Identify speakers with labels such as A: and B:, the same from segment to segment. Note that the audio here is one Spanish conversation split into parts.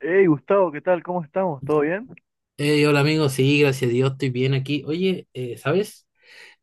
A: Hey Gustavo, ¿qué tal? ¿Cómo estamos? ¿Todo bien?
B: Hey, hola amigo, sí, gracias a Dios, estoy bien aquí. Oye, ¿sabes?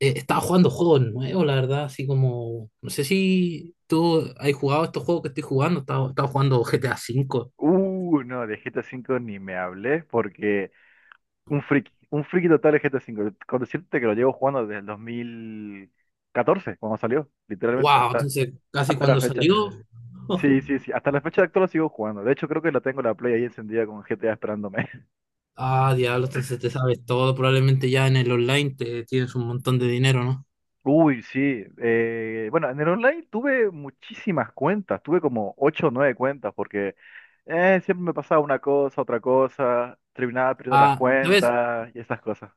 B: Estaba jugando juegos nuevos, la verdad, así como, no sé si tú has jugado estos juegos que estoy jugando, estaba jugando GTA V.
A: No, de GTA V ni me hablé porque un friki total de GTA V. Con decirte que lo llevo jugando desde el 2014, cuando salió, literalmente,
B: Wow, entonces casi
A: hasta la
B: cuando
A: fecha.
B: salió.
A: Sí, sí, sí, hasta la fecha actual lo sigo jugando. De hecho, creo que la tengo la Play ahí encendida con GTA esperándome.
B: Ah, diablo, entonces te sabes todo, probablemente ya en el online te tienes un montón de dinero, ¿no?
A: Uy, sí. Bueno, en el online tuve muchísimas cuentas, tuve como ocho o nueve cuentas, porque siempre me pasaba una cosa, otra cosa, terminaba perdiendo las
B: Ah, ¿sabes?
A: cuentas y esas cosas.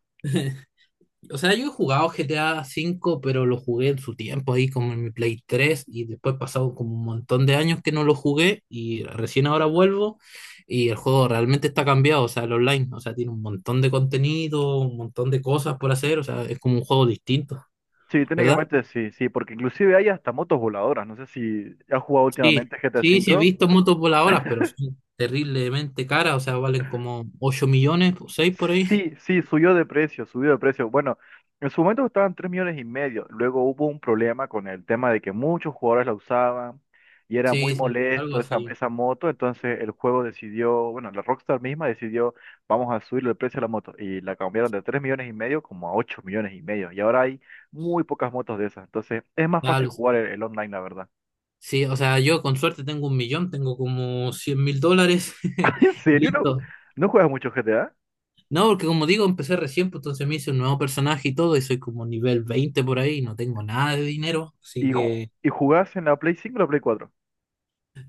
B: O sea, yo he jugado GTA V, pero lo jugué en su tiempo ahí como en mi Play 3 y después pasado como un montón de años que no lo jugué y recién ahora vuelvo, y el juego realmente está cambiado, o sea, el online, o sea, tiene un montón de contenido, un montón de cosas por hacer, o sea, es como un juego distinto,
A: Sí,
B: ¿verdad?
A: técnicamente sí, sí, porque inclusive hay hasta motos voladoras. No sé si has jugado
B: Sí,
A: últimamente GTA
B: sí, sí he
A: V.
B: visto motos voladoras, pero son terriblemente caras, o sea, valen como 8 millones, seis por ahí.
A: Sí, sí, subió de precio, subió de precio. Bueno, en su momento estaban 3,5 millones. Luego hubo un problema con el tema de que muchos jugadores la usaban y era muy
B: Sí, sí, algo
A: molesto esa,
B: así.
A: esa moto. Entonces el juego decidió, bueno, la Rockstar misma decidió, vamos a subirle el precio a la moto. Y la cambiaron de 3,5 millones como a 8,5 millones. Y ahora hay muy pocas motos de esas. Entonces es más
B: Ya,
A: fácil jugar el online, la verdad.
B: sí, o sea, yo con suerte tengo un millón, tengo como 100.000 dólares.
A: ¿En serio? ¿No,
B: Listo.
A: no juegas mucho GTA?
B: No, porque como digo, empecé recién, pues entonces me hice un nuevo personaje y todo, y soy como nivel 20 por ahí, no tengo nada de dinero, así
A: ¿Y, ju-
B: que
A: y jugás en la Play cinco o la Play 4?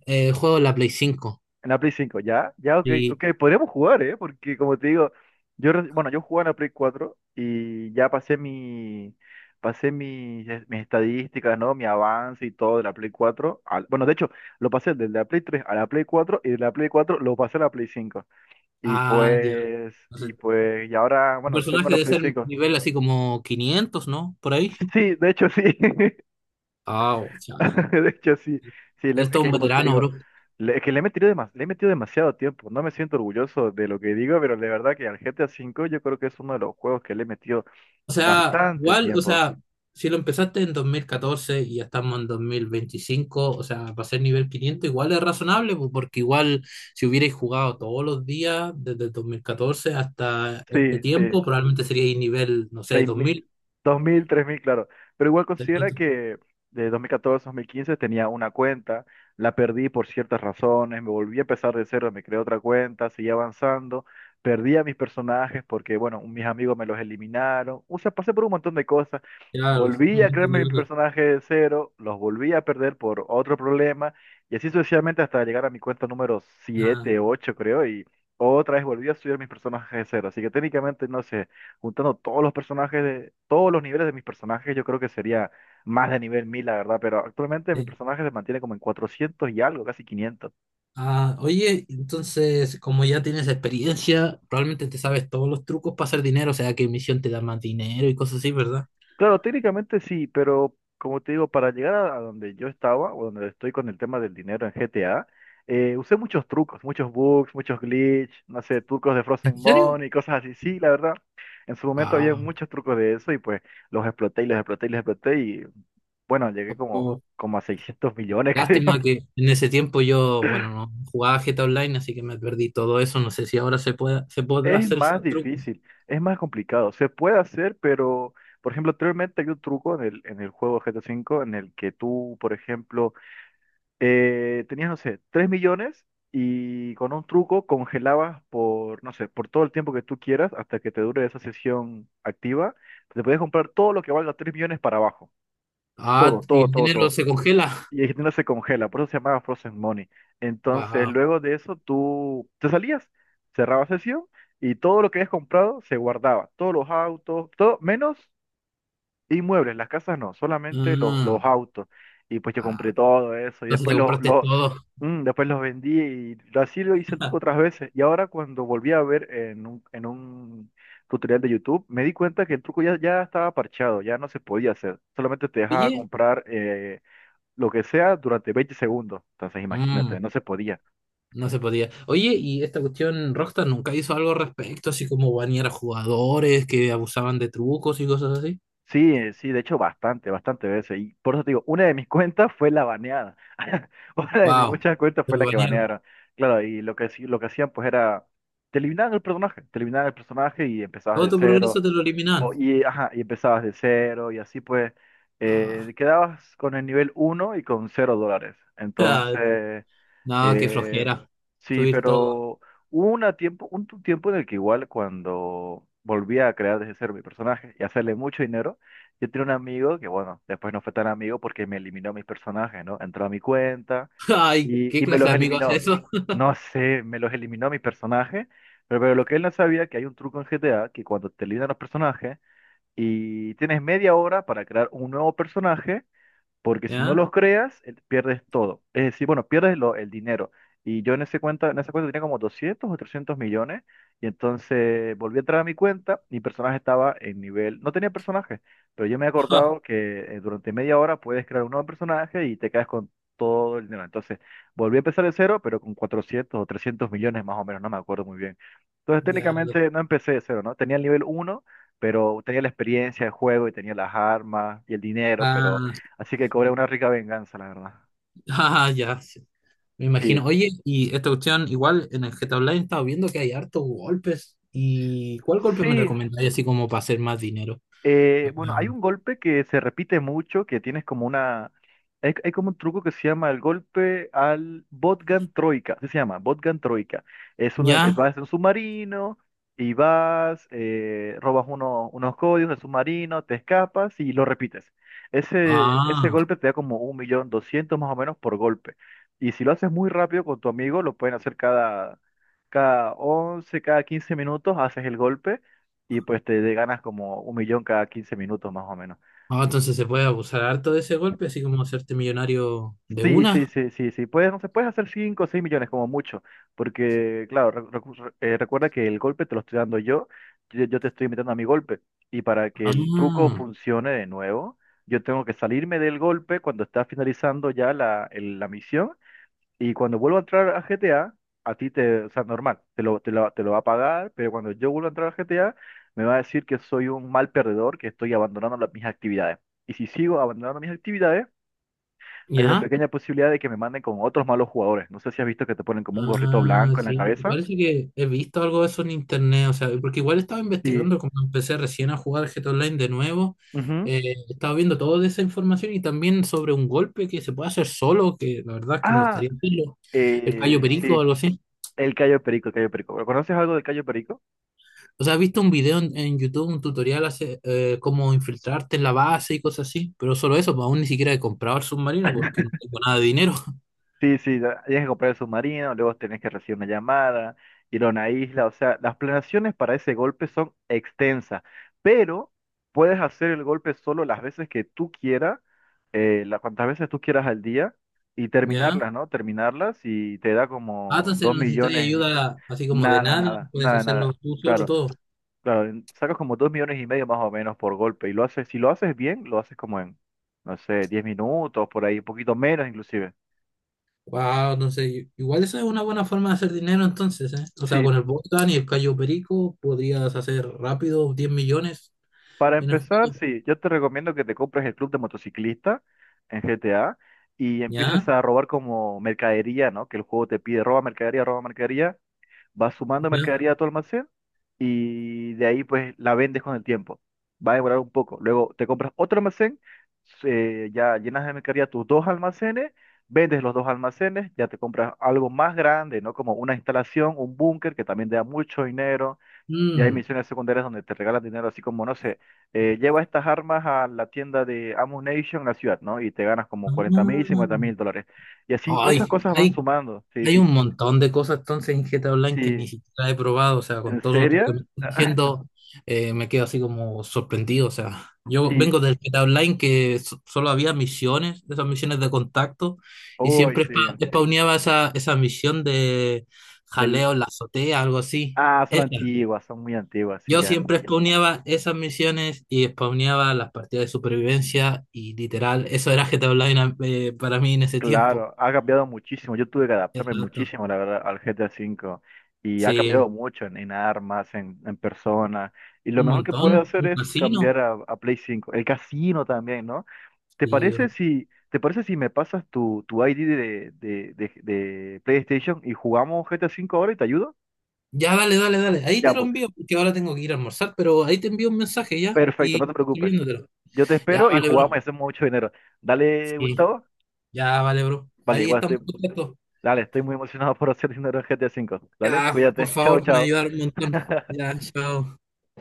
B: juego en la Play 5.
A: En la Play 5, ya, ya, ok,
B: Y,
A: ok, podríamos jugar, ¿eh? Porque como te digo, yo jugaba en la Play 4 y ya pasé mis estadísticas, ¿no? Mi avance y todo de la Play 4. Bueno, de hecho, lo pasé de la Play 3 a la Play 4 y de la Play 4 lo pasé a la Play 5. Y
B: ah, ya.
A: pues, y
B: Entonces,
A: pues, y ahora,
B: un
A: bueno, tengo
B: personaje
A: la
B: debe
A: Play
B: ser
A: 5.
B: nivel así como 500, ¿no? Por ahí.
A: Sí, de hecho, sí.
B: Ah, o sea,
A: De hecho, sí, sí, es
B: esto es
A: que
B: un
A: como te
B: veterano,
A: digo,
B: bro.
A: es que le he metido demasiado tiempo. No me siento orgulloso de lo que digo, pero de verdad que al GTA 5 yo creo que es uno de los juegos que le he metido
B: O sea,
A: bastante
B: igual, o
A: tiempo.
B: sea, si lo empezaste en 2014 y ya estamos en 2025, o sea, para ser nivel 500 igual es razonable, pues, porque igual si hubierais jugado todos los días desde el 2014 hasta este
A: Sí, sí.
B: tiempo, probablemente seríais nivel, no sé,
A: Seis
B: 2000.
A: mil, 2.000, 3.000, claro. Pero igual considera que de 2014 a 2015 tenía una cuenta, la perdí por ciertas razones, me volví a empezar de cero, me creé otra cuenta, seguí avanzando, perdí a mis personajes porque, bueno, mis amigos me los eliminaron, o sea, pasé por un montón de cosas,
B: Claro,
A: volví
B: un
A: a
B: montón
A: crearme
B: de
A: mi
B: cosas.
A: personaje de cero, los volví a perder por otro problema, y así sucesivamente hasta llegar a mi cuenta número
B: Ah,
A: siete ocho, creo, y otra vez volví a subir mis personajes de cero, así que técnicamente no sé, juntando todos los personajes de todos los niveles de mis personajes, yo creo que sería más de nivel 1.000, la verdad, pero actualmente mi
B: sí.
A: personaje se mantiene como en 400 y algo, casi 500.
B: Ah, oye, entonces, como ya tienes experiencia, probablemente te sabes todos los trucos para hacer dinero, o sea, qué misión te da más dinero y cosas así, ¿verdad?
A: Claro, técnicamente sí, pero como te digo, para llegar a donde yo estaba o donde estoy con el tema del dinero en GTA, usé muchos trucos, muchos bugs, muchos glitch, no sé, trucos de
B: ¿En
A: Frozen
B: serio?
A: Money y cosas así. Sí, la verdad, en su momento había muchos trucos de eso y pues los exploté y los exploté y los exploté y bueno, llegué como,
B: Wow.
A: como a 600 millones,
B: Lástima
A: creo.
B: que en ese tiempo yo, bueno, no jugaba GTA Online, así que me perdí todo eso. No sé si ahora se puede, se podrá
A: Es
B: hacer
A: más
B: esos trucos.
A: difícil, es más complicado. Se puede hacer, pero, por ejemplo, anteriormente había un truco en el juego GTA V en el que tú, por ejemplo, tenías, no sé, 3 millones y con un truco congelabas por, no sé, por todo el tiempo que tú quieras hasta que te dure esa sesión activa. Te podías comprar todo lo que valga 3 millones para abajo.
B: Ah,
A: Todo,
B: y
A: todo,
B: el
A: todo,
B: dinero
A: todo.
B: se congela.
A: Y Argentina se congela, por eso se llamaba Frozen Money. Entonces,
B: Wow.
A: luego de eso, tú te salías, cerrabas sesión y todo lo que habías comprado se guardaba. Todos los autos, todo, menos inmuebles, las casas no, solamente los,
B: Ah,
A: los autos. Y pues yo compré
B: ah,
A: todo eso y
B: entonces te
A: después
B: compraste todo.
A: después los vendí y así lo hice el truco otras veces. Y ahora cuando volví a ver en un tutorial de YouTube, me di cuenta que el truco ya estaba parchado, ya no se podía hacer. Solamente te dejaba
B: Oye,
A: comprar lo que sea durante 20 segundos. Entonces, imagínate,
B: mm,
A: no se podía.
B: no se podía. Oye, y esta cuestión, Rockstar nunca hizo algo al respecto, así como banear a jugadores que abusaban de trucos y cosas así.
A: Sí, sí, de hecho, bastante, bastante veces. Y por eso te digo, una de mis cuentas fue la baneada. Una de mis
B: Wow,
A: muchas cuentas
B: te
A: fue la que
B: banearon.
A: banearon. Claro, y lo que, lo que hacían, pues era, te eliminaban el personaje, te eliminaban el personaje y empezabas de
B: Todo tu
A: cero.
B: progreso te lo eliminaron.
A: O, y, ajá, y empezabas de cero y así pues,
B: Ah,
A: quedabas con el nivel uno y con cero dólares.
B: ah,
A: Entonces.
B: no, qué
A: Eh,
B: flojera.
A: sí,
B: Subir todo.
A: pero hubo una tiempo, tiempo en el que igual cuando volvía a crear desde cero mi personaje y hacerle mucho dinero, yo tenía un amigo que, bueno, después no fue tan amigo porque me eliminó mis personajes, ¿no? Entró a mi cuenta
B: Ay,
A: y,
B: ¿qué
A: y me
B: clase
A: los
B: de amigos es
A: eliminó.
B: eso?
A: No sé, me los eliminó mi personaje, pero lo que él no sabía que hay un truco en GTA que cuando te eliminan los personajes y tienes media hora para crear un nuevo personaje, porque si no
B: ¿Ya?
A: los creas, pierdes todo. Es decir, bueno, pierdes el dinero. Y yo en ese cuenta, en esa cuenta tenía como 200 o 300 millones, y entonces volví a entrar a mi cuenta, mi personaje estaba en nivel, no tenía personaje, pero yo me he acordado que durante media hora puedes crear un nuevo personaje y te quedas con todo el dinero. Entonces, volví a empezar de cero, pero con 400 o 300 millones más o menos, no me acuerdo muy bien. Entonces,
B: Ya,
A: técnicamente no empecé de cero, ¿no? Tenía el nivel uno, pero tenía la experiencia de juego y tenía las armas y el dinero, pero,
B: ah,
A: así que cobré una rica venganza, la verdad.
B: ah, ya, sí. Me
A: Sí,
B: imagino. Oye, y esta cuestión, igual en el GTA Online estaba viendo que hay hartos golpes. ¿Y cuál golpe me
A: sí,
B: recomendáis así como para hacer más dinero? O sea,
A: Bueno, hay un golpe que se repite mucho, que tienes como una. Hay como un truco que se llama el golpe al Botgan Troika, así se llama, Botgan Troika. Es uno en el que
B: ¿ya?
A: vas en un submarino y vas, robas unos códigos del submarino, te escapas y lo repites. Ese
B: Ah,
A: golpe te da como un millón doscientos más o menos por golpe. Y si lo haces muy rápido con tu amigo, lo pueden hacer cada 11 cada 15 minutos, haces el golpe y pues ganas como un millón cada 15 minutos más o menos.
B: ah, entonces se puede abusar harto de ese golpe, así como hacerte millonario de
A: Sí, sí,
B: una.
A: sí, sí, sí. Puedes, no sé, puedes hacer 5 o 6 millones como mucho, porque claro, recuerda que el golpe te lo estoy dando yo, yo te estoy metiendo a mi golpe. Y para que el truco
B: Ah,
A: funcione de nuevo, yo tengo que salirme del golpe cuando está finalizando ya la misión. Y cuando vuelvo a entrar a GTA, a ti te, o sea, normal, te lo va a pagar, pero cuando yo vuelvo a entrar a GTA, me va a decir que soy un mal perdedor, que estoy abandonando mis actividades. Y si sigo abandonando mis actividades, hay una
B: ¿ya?
A: pequeña posibilidad de que me manden con otros malos jugadores. No sé si has visto que te ponen como un gorrito
B: Ah,
A: blanco en la
B: sí,
A: cabeza.
B: parece que he visto algo de eso en internet, o sea, porque igual estaba
A: Sí.
B: investigando, como empecé recién a jugar GTA Online de nuevo,
A: Ujú.
B: estaba viendo toda esa información y también sobre un golpe que se puede hacer solo, que la verdad es que me
A: Ah,
B: gustaría verlo, el callo perico o
A: sí,
B: algo así.
A: el Cayo Perico, el Cayo Perico. ¿Conoces algo del Cayo Perico?
B: O sea, he visto un video en YouTube, un tutorial hace cómo infiltrarte en la base y cosas así, pero solo eso, pues aún ni siquiera he comprado el submarino porque no tengo nada de dinero.
A: Sí, sí, tienes que comprar el submarino, luego tenés que recibir una llamada, ir a una isla, o sea, las planeaciones para ese golpe son extensas, pero puedes hacer el golpe solo las veces que tú quieras, cuantas veces tú quieras al día, y
B: ¿Ya?
A: terminarlas, ¿no? Terminarlas y te da
B: Ah,
A: como
B: entonces
A: dos
B: necesitáis
A: millones,
B: ayuda así como de
A: nada,
B: nadie,
A: nada,
B: puedes
A: nada,
B: hacerlo
A: nada,
B: tú solo
A: claro,
B: todo.
A: claro, sacas como 2,5 millones más o menos por golpe, y lo haces, si lo haces bien, lo haces como en, no sé, 10 minutos, por ahí, un poquito menos inclusive.
B: Wow, entonces, igual esa es una buena forma de hacer dinero entonces, ¿eh? O sea,
A: Sí,
B: con el Bogdan y el Cayo Perico podrías hacer rápido 10 millones
A: para
B: en el
A: empezar,
B: juego.
A: sí, yo te recomiendo que te compres el club de motociclista en GTA y empieces
B: ¿Ya?
A: a robar como mercadería, ¿no? Que el juego te pide, roba mercadería, vas sumando
B: ¿Ya?
A: mercadería a tu almacén y de ahí pues la vendes con el tiempo. Va a demorar un poco. Luego te compras otro almacén, ya llenas de mercadería tus dos almacenes, vendes los dos almacenes, ya te compras algo más grande, ¿no? Como una instalación, un búnker que también te da mucho dinero y hay
B: Mm.
A: misiones secundarias donde te regalan dinero, así como, no sé, lleva estas armas a la tienda de Ammunition en la ciudad, ¿no? Y te ganas como 40.000, 50.000 dólares. Y así
B: Ah.
A: todas esas
B: Ay,
A: cosas van
B: ay,
A: sumando. Sí,
B: hay
A: sí,
B: un montón de cosas entonces en GTA Online que ni
A: sí.
B: siquiera he probado, o sea,
A: ¿En
B: con todo lo que
A: serio?
B: me estás diciendo, me quedo así como sorprendido, o sea, yo vengo
A: Sí.
B: del GTA Online que solo había misiones, esas misiones de contacto, y
A: Uy,
B: siempre
A: sí.
B: spawneaba esa misión de
A: Del.
B: jaleo en la azotea, algo así.
A: Ah, son
B: Esa.
A: antiguas, son muy antiguas, sí,
B: Yo
A: ya.
B: siempre spawneaba esas misiones y spawneaba las partidas de supervivencia y literal, eso era GTA Online, para mí en ese tiempo.
A: Claro, ha cambiado muchísimo. Yo tuve que adaptarme
B: Exacto.
A: muchísimo, la verdad, al GTA V. Y ha cambiado
B: Sí.
A: mucho en armas, en personas. Y lo
B: Un
A: mejor que puede
B: montón,
A: hacer
B: un
A: es
B: casino.
A: cambiar a Play 5. El casino también, ¿no? ¿Te
B: Sí, bro.
A: parece si me pasas tu ID de PlayStation y jugamos GTA V ahora y te ayudo?
B: Ya, dale, dale, dale. Ahí te
A: Ya,
B: lo
A: pues,
B: envío, porque ahora tengo que ir a almorzar, pero ahí te envío un mensaje ya
A: perfecto, no te
B: y
A: preocupes.
B: escribiéndotelo.
A: Yo te
B: Ya,
A: espero y
B: vale, bro.
A: jugamos y hacemos mucho dinero. Dale,
B: Sí,
A: Gustavo.
B: ya, vale, bro.
A: Vale,
B: Ahí
A: igual
B: estamos
A: estoy
B: en contacto.
A: Dale, estoy muy emocionado por hacer dinero en GTA V. Dale,
B: Ya, por
A: cuídate. Chao,
B: favor, me
A: chao.
B: ayudaron un montón. Ya, chao.